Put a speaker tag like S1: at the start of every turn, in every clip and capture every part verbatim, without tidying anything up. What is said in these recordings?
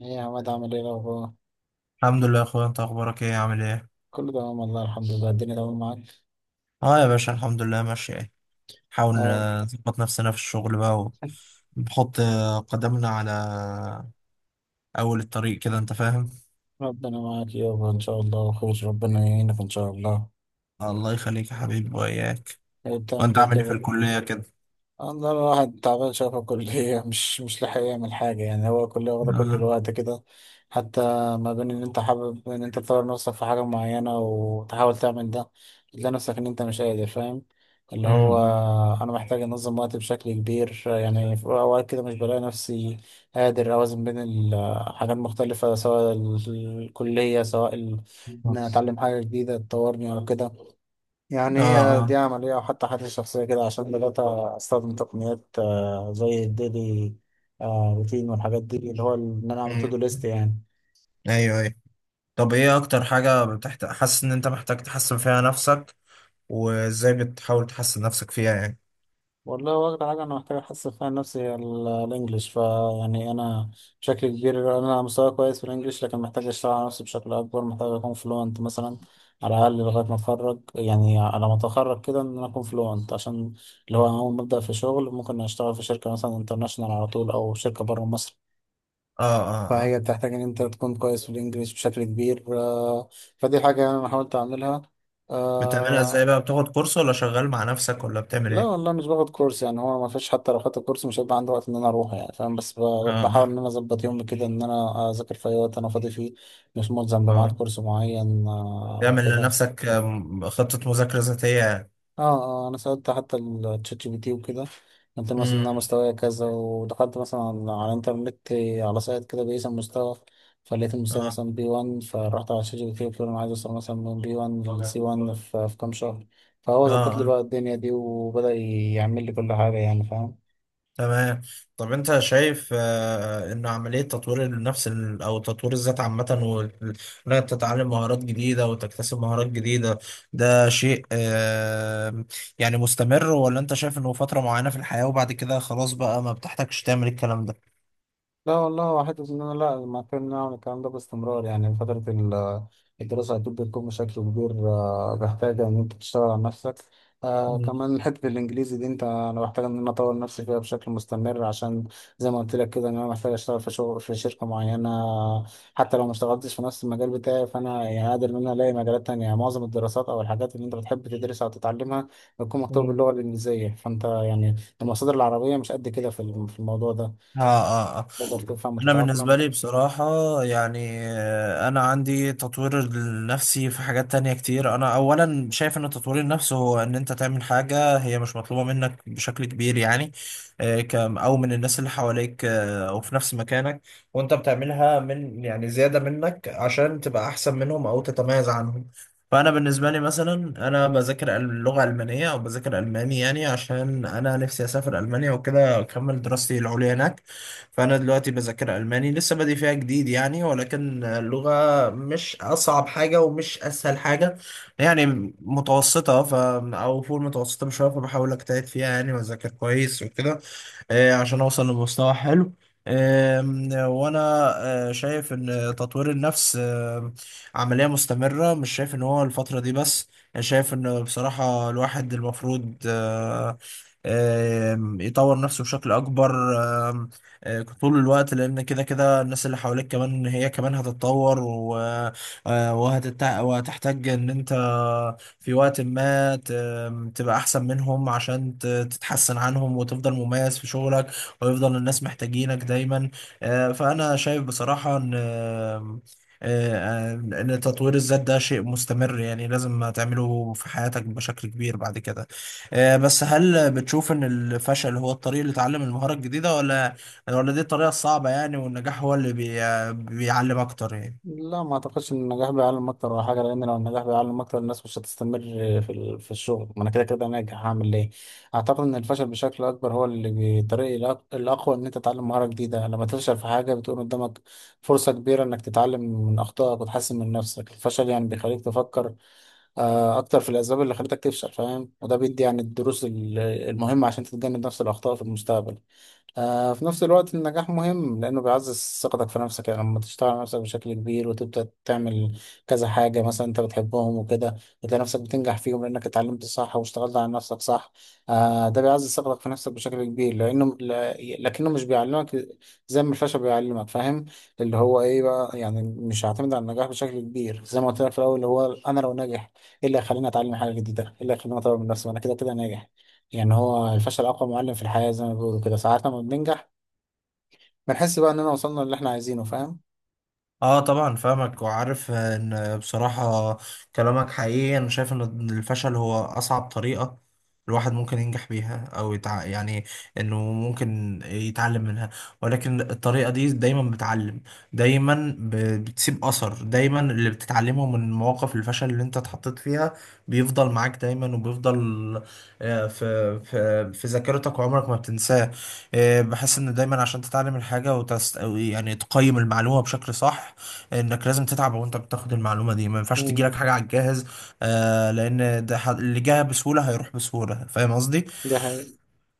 S1: ايه يا عماد عامل ايه الاخبار؟
S2: الحمد لله يا اخويا، انت اخبارك ايه؟ عامل ايه؟
S1: كله تمام والله، الحمد لله الدنيا تمام معاك.
S2: اه يا باشا، الحمد لله ماشي. ايه، نحاول
S1: اه،
S2: آه، نظبط نفسنا في الشغل بقى، ونحط آه، قدمنا على اول الطريق كده، انت فاهم.
S1: ربنا معاك يابا ان شاء الله، وخير، ربنا يعينك ان شاء الله.
S2: الله يخليك يا حبيبي، واياك.
S1: ايه بتعمل
S2: وانت
S1: ايه
S2: عامل ايه في
S1: كده؟
S2: الكلية كده؟
S1: والله الواحد تعبان شوية في الكلية، مش مش لاحق يعمل حاجة، يعني هو الكلية واخدة كل
S2: اه.
S1: الوقت كده. حتى ما بين إن أنت حابب إن أنت تطور نفسك في حاجة معينة وتحاول تعمل ده، تلاقي نفسك إن أنت مش قادر، فاهم؟ اللي هو
S2: مم.
S1: أنا محتاج أنظم وقتي بشكل كبير، يعني في أوقات كده مش بلاقي نفسي قادر أوازن بين الحاجات مختلفة، سواء ال- الكلية، سواء ال- إن أنا أتعلم حاجة جديدة تطورني أو كده، يعني
S2: اه
S1: هي دي
S2: اه.
S1: عملية، أو حتى حاجة شخصية كده. عشان بدأت أستخدم تقنيات آه، زي الديلي آه، روتين والحاجات دي، اللي هو إن أنا أعمل تو
S2: مم.
S1: ليست يعني.
S2: ايوه ايوه. طب ايه اكتر حاجة بتحت... حاسس ان انت محتاج تحسن فيها نفسك، وازاي بتحاول تحسن نفسك فيها يعني؟
S1: والله هو أكتر حاجة أنا محتاج أحسن فيها نفسي، هي ال- الإنجليش، فيعني أنا بشكل كبير أنا مستوى كويس في الإنجليش، لكن محتاج أشتغل على نفسي بشكل أكبر، محتاج أكون فلوينت مثلا، على الأقل لغاية ما أتخرج، يعني على ما أتخرج كده إن أنا أكون فلوينت، عشان اللي هو أول ما أبدأ في شغل ممكن أشتغل في شركة مثلا انترناشونال على طول، أو شركة بره مصر.
S2: اه اه اه.
S1: فهي بتحتاج ان انت تكون كويس في الانجليش بشكل كبير، آه، فدي حاجة يعني انا حاولت اعملها.
S2: بتعملها ازاي
S1: آه،
S2: بقى؟ بتاخد كورس ولا شغال مع نفسك ولا بتعمل
S1: لا
S2: ايه؟
S1: والله مش باخد كورس، يعني هو ما فيش، حتى لو خدت كورس مش هيبقى عندي وقت ان انا اروح، يعني فاهم؟ بس ب-
S2: اه
S1: بحاول ان انا اظبط يومي كده، ان انا اذاكر في اي وقت انا فاضي فيه. مش ملزم بميعاد
S2: اه.
S1: كورس معين آه،
S2: تعمل
S1: كده.
S2: لنفسك آم، خطة مذاكرة ذاتية.
S1: اه، اه، انا سألت حتى الشات جي بي تي وكده، قلت له مثلا إن انا
S2: امم.
S1: مستواي كذا، ودخلت مثلا على على الانترنت على سايت كده بيقيس المستوى، فلقيت المستوى
S2: اه
S1: مثلا بي واحد. فرحت على الشات جي بي تي قلت له انا عايز اوصل مثلا من بي واحد لسي واحد في في كام شهر، فهو
S2: اه.
S1: ظبط لي
S2: آه.
S1: بقى الدنيا دي، وبدأ يعمل لي كل حاجة، يعني فاهم؟
S2: تمام. طب انت شايف آه ان عملية تطوير النفس، ال- او تطوير الذات عامة، وانك تتعلم مهارات جديدة وتكتسب مهارات جديدة، ده شيء آه يعني مستمر، ولا انت شايف انه فترة معينة في الحياة وبعد كده خلاص بقى ما بتحتاجش تعمل الكلام ده؟
S1: لا والله هو حتة إن أنا، لا، ما كنا نعمل الكلام ده باستمرار، يعني فترة ال- الدراسة أكيد بتكون بشكل كبير آه، محتاجة إن أنت تشتغل على نفسك. آه كمان حتة الإنجليزي دي، أنت، أنا محتاج إن أنا أطور نفسي فيها بشكل مستمر، عشان زي ما قلت لك كده إن أنا محتاج أشتغل في شغل في شركة معينة. حتى لو ما اشتغلتش في نفس المجال بتاعي، فأنا يعني قادر إن أنا ألاقي مجالات تانية. يعني معظم الدراسات أو الحاجات اللي أنت بتحب تدرسها أو تتعلمها بتكون مكتوبة
S2: مم.
S1: باللغة الإنجليزية، فأنت يعني المصادر العربية مش قد كده في الم- في الموضوع ده
S2: اه اه اه.
S1: تقدر تفهم
S2: انا بالنسبه
S1: وتتأقلم.
S2: لي بصراحه، يعني آه، انا عندي تطوير النفسي في حاجات تانية كتير. انا اولا شايف ان التطوير النفسي هو ان انت تعمل حاجه هي مش مطلوبه منك بشكل كبير، يعني آه، كم او من الناس اللي حواليك آه، او في نفس مكانك، وانت بتعملها من يعني زياده منك عشان تبقى احسن منهم او تتميز عنهم. فانا بالنسبه لي مثلا، انا بذاكر اللغه الالمانيه، او بذاكر الماني يعني، عشان انا نفسي اسافر المانيا وكده اكمل دراستي العليا هناك. فانا دلوقتي بذاكر الماني، لسه بادئ فيها جديد يعني، ولكن اللغه مش اصعب حاجه ومش اسهل حاجه، يعني متوسطه، ف او فوق المتوسطه بشويه. فبحاول اجتهد فيها يعني، واذاكر كويس وكده، آه، عشان اوصل لمستوى حلو. آم، وانا آه، شايف ان تطوير النفس آم، عملية مستمرة، مش شايف ان هو الفترة دي بس. أنا شايف ان بصراحة الواحد المفروض آه، آم، يطور نفسه بشكل اكبر آم، آه، طول الوقت، لان كده كده الناس اللي حواليك كمان، هي كمان هتتطور، و- آه، وهتتع- وهتحتاج ان انت في وقت ما ت- تبقى احسن منهم، عشان ت- تتحسن عنهم وتفضل مميز في شغلك، ويفضل الناس محتاجينك دايما. آه، فانا شايف بصراحة ان آه، آه، ان تطوير الذات ده شيء مستمر يعني، لازم تعمله في حياتك بشكل كبير بعد كده. آه، بس هل بتشوف ان الفشل هو الطريق اللي تعلم المهارة الجديدة، ولا ولا دي الطريقة الصعبة يعني، والنجاح هو اللي بي... بيعلم اكتر يعني؟
S1: لا ما أعتقدش إن النجاح بيعلم أكتر ولا حاجة، لأن لو النجاح بيعلم أكتر الناس مش هتستمر في ال- في الشغل، ما أنا كده كده ناجح، هعمل ليه؟ أعتقد إن الفشل بشكل أكبر هو اللي بيطريق الأق- الأقوى إن أنت تتعلم مهارة جديدة. لما تفشل في حاجة بتكون قدامك فرصة كبيرة إنك تتعلم من أخطائك وتحسن من نفسك. الفشل يعني بيخليك تفكر آه، أكتر في الأسباب اللي خلتك تفشل، فاهم؟ وده بيدي يعني الدروس ال- المهمة عشان تتجنب نفس الأخطاء في المستقبل. آه، في نفس الوقت النجاح مهم لأنه بيعزز ثقتك في نفسك، يعني لما تشتغل على نفسك بشكل كبير وتبدأ تعمل كذا حاجة مثلا أنت بتحبهم وكده، بتلاقي نفسك بتنجح فيهم لأنك اتعلمت صح واشتغلت على نفسك صح. آه، ده بيعزز ثقتك في نفسك بشكل كبير، لأنه ل- لكنه مش بيعلمك زي ما الفشل بيعلمك، فاهم؟ اللي هو إيه بقى، يعني مش هعتمد على النجاح بشكل كبير، زي ما قلت لك في الأول، اللي هو أنا لو ناجح إيه اللي هيخليني أتعلم حاجة جديدة؟ إيه اللي هيخليني أطور من نفسي وأنا كده كده ناجح؟ يعني هو الفشل أقوى معلم في الحياة، زي ما بيقولوا كده، ساعات لما بننجح بنحس بقى إننا وصلنا للي إحنا عايزينه، فاهم؟
S2: اه طبعا فاهمك، وعارف ان بصراحة كلامك حقيقي. انا شايف ان الفشل هو اصعب طريقة الواحد ممكن ينجح بيها، او يتع... يعني انه ممكن يتعلم منها، ولكن الطريقة دي دايما بتعلم، دايما ب... بتسيب اثر. دايما اللي بتتعلمه من مواقف الفشل اللي انت اتحطيت فيها بيفضل معاك دايما، وبيفضل آه، في في في ذاكرتك، وعمرك ما بتنساه. آه، بحس ان دايما عشان تتعلم الحاجة وتست... أو يعني تقيم المعلومة بشكل صح، انك لازم تتعب وانت بتاخد المعلومه دي، ما ينفعش تجيلك
S1: مم.
S2: حاجه على الجاهز. آه لان ده ح- اللي جاها بسهوله هيروح بسهوله، فاهم قصدي.
S1: دي حقيقة.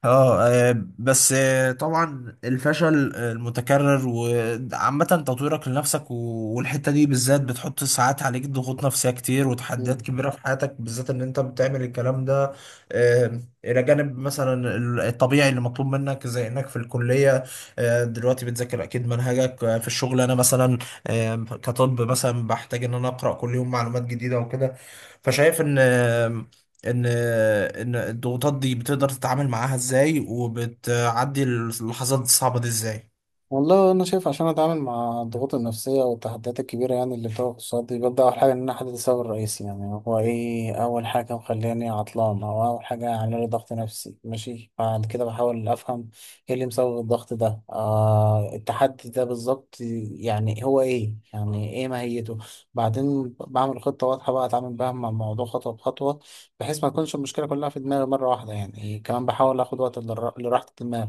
S2: اه. آه. بس آه، طبعا الفشل آه، المتكرر، وعامة تطويرك لنفسك و- والحتة دي بالذات، بتحط ساعات عليك ضغوط نفسية كتير وتحديات
S1: مم.
S2: كبيرة في حياتك، بالذات ان انت بتعمل الكلام ده آه، الى جانب مثلا ال- الطبيعي اللي مطلوب منك، زي انك في الكلية آه، دلوقتي بتذاكر اكيد منهجك آه، في الشغل. انا مثلا آه، كطب مثلا، بحتاج ان انا اقرأ كل يوم معلومات جديدة وكده. فشايف ان ان ان الضغوطات دي بتقدر تتعامل معاها ازاي، وبتعدي اللحظات الصعبة دي ازاي؟
S1: والله انا شايف، عشان اتعامل مع الضغوط النفسيه والتحديات الكبيره يعني اللي بتواجه قصادي، ببدا اول حاجه ان انا احدد السبب الرئيسي، يعني هو ايه اول حاجه مخليني عطلان، او اول حاجه عامله لي ضغط نفسي، ماشي. بعد كده بحاول افهم ايه اللي مسبب الضغط ده، آه، التحدي ده بالظبط، يعني هو ايه، يعني ايه ماهيته. بعدين بعمل خطه واضحه بقى اتعامل بها مع الموضوع خطوه بخطوه، بحيث ما تكونش المشكله كلها في دماغي مره واحده. يعني كمان بحاول اخد وقت للر- لراحه الدماغ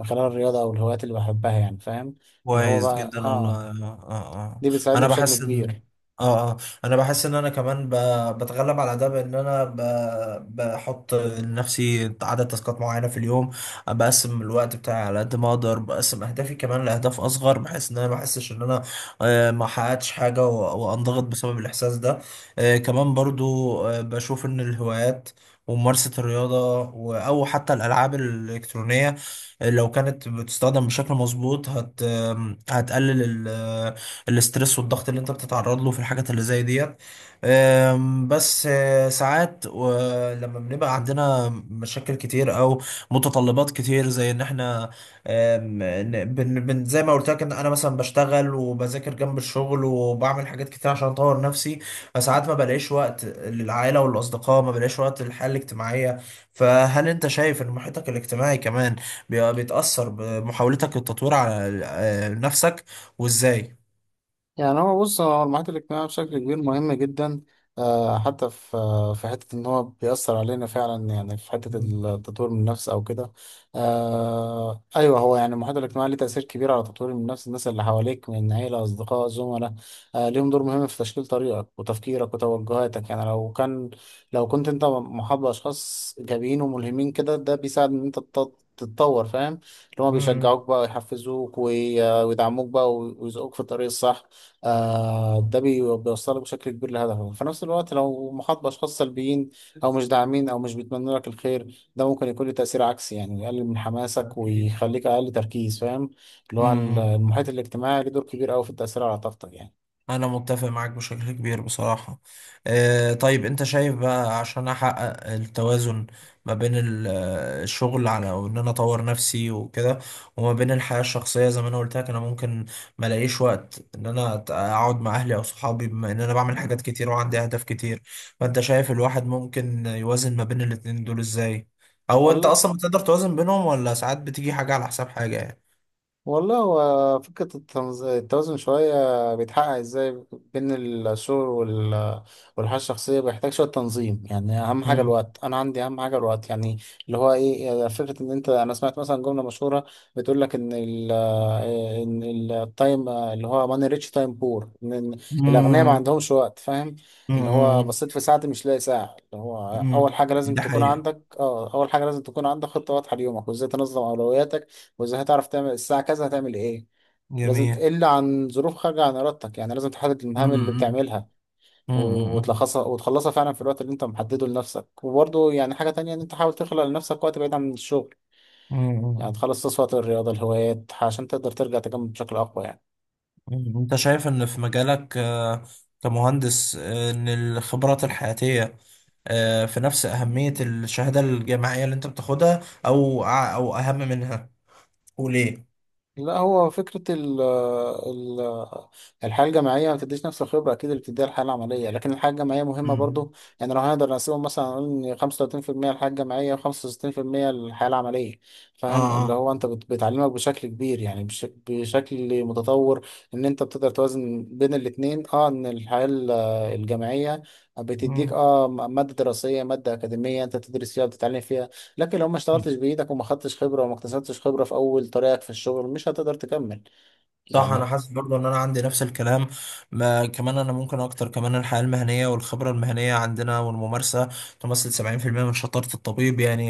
S1: من خلال الرياضة أو الهوايات اللي بحبها، يعني فاهم؟ اللي هو
S2: كويس
S1: بقى
S2: جدا والله.
S1: آه،
S2: اه. اه. آه.
S1: دي بتساعدني
S2: انا
S1: بشكل
S2: بحس ان،
S1: كبير.
S2: اه اه، انا بحس ان انا كمان ب... بتغلب على ده بان انا ب... بحط لنفسي عدد تاسكات معينه في اليوم. بقسم الوقت بتاعي على قد ما اقدر، بقسم اهدافي كمان لاهداف اصغر، بحيث ان انا ما احسش ان انا آه، ما حققتش حاجه و... وانضغط بسبب الاحساس ده. آه، كمان برضو آه، بشوف ان الهوايات وممارسه الرياضه، و... او حتى الالعاب الالكترونيه آه، لو كانت بتستخدم بشكل مظبوط هت هتقلل ال- الاسترس والضغط اللي انت بتتعرض له في الحاجات اللي زي ديت. آم، بس آه، ساعات و- لما بنبقى عندنا مشاكل كتير او متطلبات كتير، زي ان احنا آم، ن- بن بن- زي ما قلت لك، ان انا مثلا بشتغل وبذاكر جنب الشغل وبعمل حاجات كتير عشان اطور نفسي، فساعات ما بلاقيش وقت للعائلة والاصدقاء، ما بلاقيش وقت للحياة الاجتماعية. فهل انت شايف ان محيطك الاجتماعي كمان بي- بيتأثر بمحاولتك للتطوير على آه، نفسك، وازاي؟
S1: يعني هو بص، هو المحيط الاجتماعي بشكل كبير مهم جدا آه، حتى في آه، في حتة إن هو بيأثر علينا فعلا، يعني في حتة
S2: مم.
S1: التطوير من النفس أو كده. آه، أيوه هو يعني المحيط الاجتماعي ليه تأثير كبير على تطوير من النفس، الناس اللي حواليك من عيلة، أصدقاء، زملاء، آه، ليهم دور مهم في تشكيل طريقك وتفكيرك وتوجهاتك. يعني لو كان، لو كنت أنت محاط بأشخاص إيجابيين وملهمين كده، ده بيساعد إن أنت تط- تتطور، فاهم؟ اللي هما
S2: مم.
S1: بيشجعوك بقى ويحفزوك وي- ويدعموك بقى ويزقوك في الطريق الصح. آه ده بي- بيوصلك بشكل كبير لهدفك. في نفس الوقت لو محاط بأشخاص سلبيين أو مش داعمين أو مش بيتمنوا لك الخير، ده ممكن يكون له تأثير عكسي، يعني يقلل من حماسك
S2: أكيد.
S1: ويخليك أقل تركيز، فاهم؟ اللي هو
S2: مم.
S1: المحيط الاجتماعي له دور كبير أوي في التأثير على طاقتك يعني.
S2: انا متفق معاك بشكل كبير بصراحة. آه، طيب انت شايف بقى، عشان احقق التوازن ما بين ال- آه، الشغل على او ان انا اطور نفسي وكده، وما بين الحياة الشخصية، زي ما انا قلت لك انا ممكن ما الاقيش وقت ان انا أت- اقعد مع اهلي او صحابي، بما ان انا بعمل حاجات كتير وعندي اهداف كتير. فانت شايف الواحد ممكن يوازن ما بين الاتنين دول ازاي؟ او انت
S1: ولا
S2: اصلا بتقدر توازن بينهم، ولا ساعات بتيجي حاجة على حساب حاجة يعني؟
S1: والله هو فكرة التنز- التوازن شوية بيتحقق ازاي بين الشغل وال- والحياة الشخصية، بيحتاج شوية تنظيم. يعني أهم حاجة
S2: امم
S1: الوقت، أنا عندي أهم حاجة الوقت يعني. اللي هو إيه يعني، فكرة إن أنت، أنا سمعت مثلا جملة مشهورة بتقول لك إن ال إيه، إن التايم اللي هو ماني ريتش تايم بور، إن إن الأغنياء ما
S2: امم
S1: عندهمش وقت، فاهم؟ اللي هو
S2: امم.
S1: بصيت في ساعتي مش لاقي ساعة، اللي هو أول حاجة لازم
S2: ده
S1: تكون
S2: حقيقة.
S1: عندك، أه أول حاجة لازم تكون عندك خطة واضحة ليومك وإزاي تنظم أولوياتك، واذا هتعرف تعمل الساعة كذا هتعمل ايه. لازم
S2: جميل.
S1: الا عن ظروف خارجة عن ارادتك، يعني لازم تحدد المهام اللي
S2: امم
S1: بتعملها و-
S2: امم
S1: وتلخصها وتخلصها فعلا في الوقت اللي انت محدده لنفسك. وبرضه يعني حاجة تانية ان انت حاول تخلق لنفسك وقت بعيد عن الشغل، يعني
S2: امم.
S1: تخلص وقت الرياضة، الهوايات، عشان تقدر ترجع تكمل بشكل اقوى يعني.
S2: انت شايف ان في مجالك آه، كمهندس آه، ان الخبرات الحياتية آه، في نفس أهمية الشهادة الجامعية اللي انت بتاخدها، او او اهم منها، وليه؟
S1: لا هو فكرة ال ال الحياة الجامعية ما بتديش نفس الخبرة أكيد اللي بتديها الحياة العملية، لكن الحياة الجامعية مهمة
S2: امم.
S1: برضو. يعني لو هنقدر نقسمهم مثلا نقول إن خمسة وثلاثين في المية الحياة الجامعية وخمسة وستين في المية الحياة العملية،
S2: اه.
S1: فاهم؟ اللي
S2: آه.
S1: هو أنت بت- بتعلمك بشكل كبير، يعني بش بشكل متطور إن أنت بتقدر توازن بين الاتنين. أه إن الحياة ال- الجامعية بتديك أه م- مادة دراسية، مادة أكاديمية أنت تدرس فيها وتتعلم فيها، لكن لو ما
S2: مم.
S1: اشتغلتش بايدك وما خدتش خبره وما اكتسبتش خبره في اول طريقك في الشغل مش هتقدر تكمل
S2: صح، انا
S1: يعني.
S2: حاسس برضو ان انا عندي نفس الكلام. ما كمان انا ممكن اكتر، كمان الحياه المهنيه والخبره المهنيه عندنا والممارسه تمثل سبعين في المية من شطاره الطبيب يعني،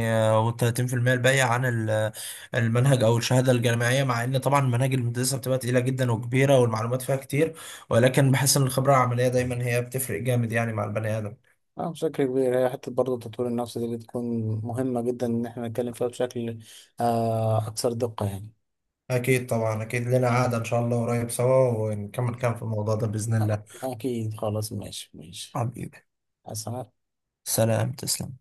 S2: و30% الباقيه عن ال- المنهج او الشهاده الجامعيه، مع ان طبعا مناهج الهندسه بتبقى تقيله جدا وكبيره، والمعلومات فيها كتير، ولكن بحس ان الخبره العمليه دايما هي بتفرق جامد يعني مع البني ادم.
S1: اه بشكل كبير هي حته برضه، تطوير النفس دي بتكون مهمه جدا ان احنا نتكلم فيها بشكل آه اكثر دقه يعني.
S2: اكيد طبعا، اكيد لنا قعده ان شاء الله قريب سوا ونكمل كلام في الموضوع ده باذن
S1: أ-
S2: الله.
S1: اكيد خلاص، ماشي ماشي.
S2: حبيبي،
S1: حسنا.
S2: سلام، تسلم.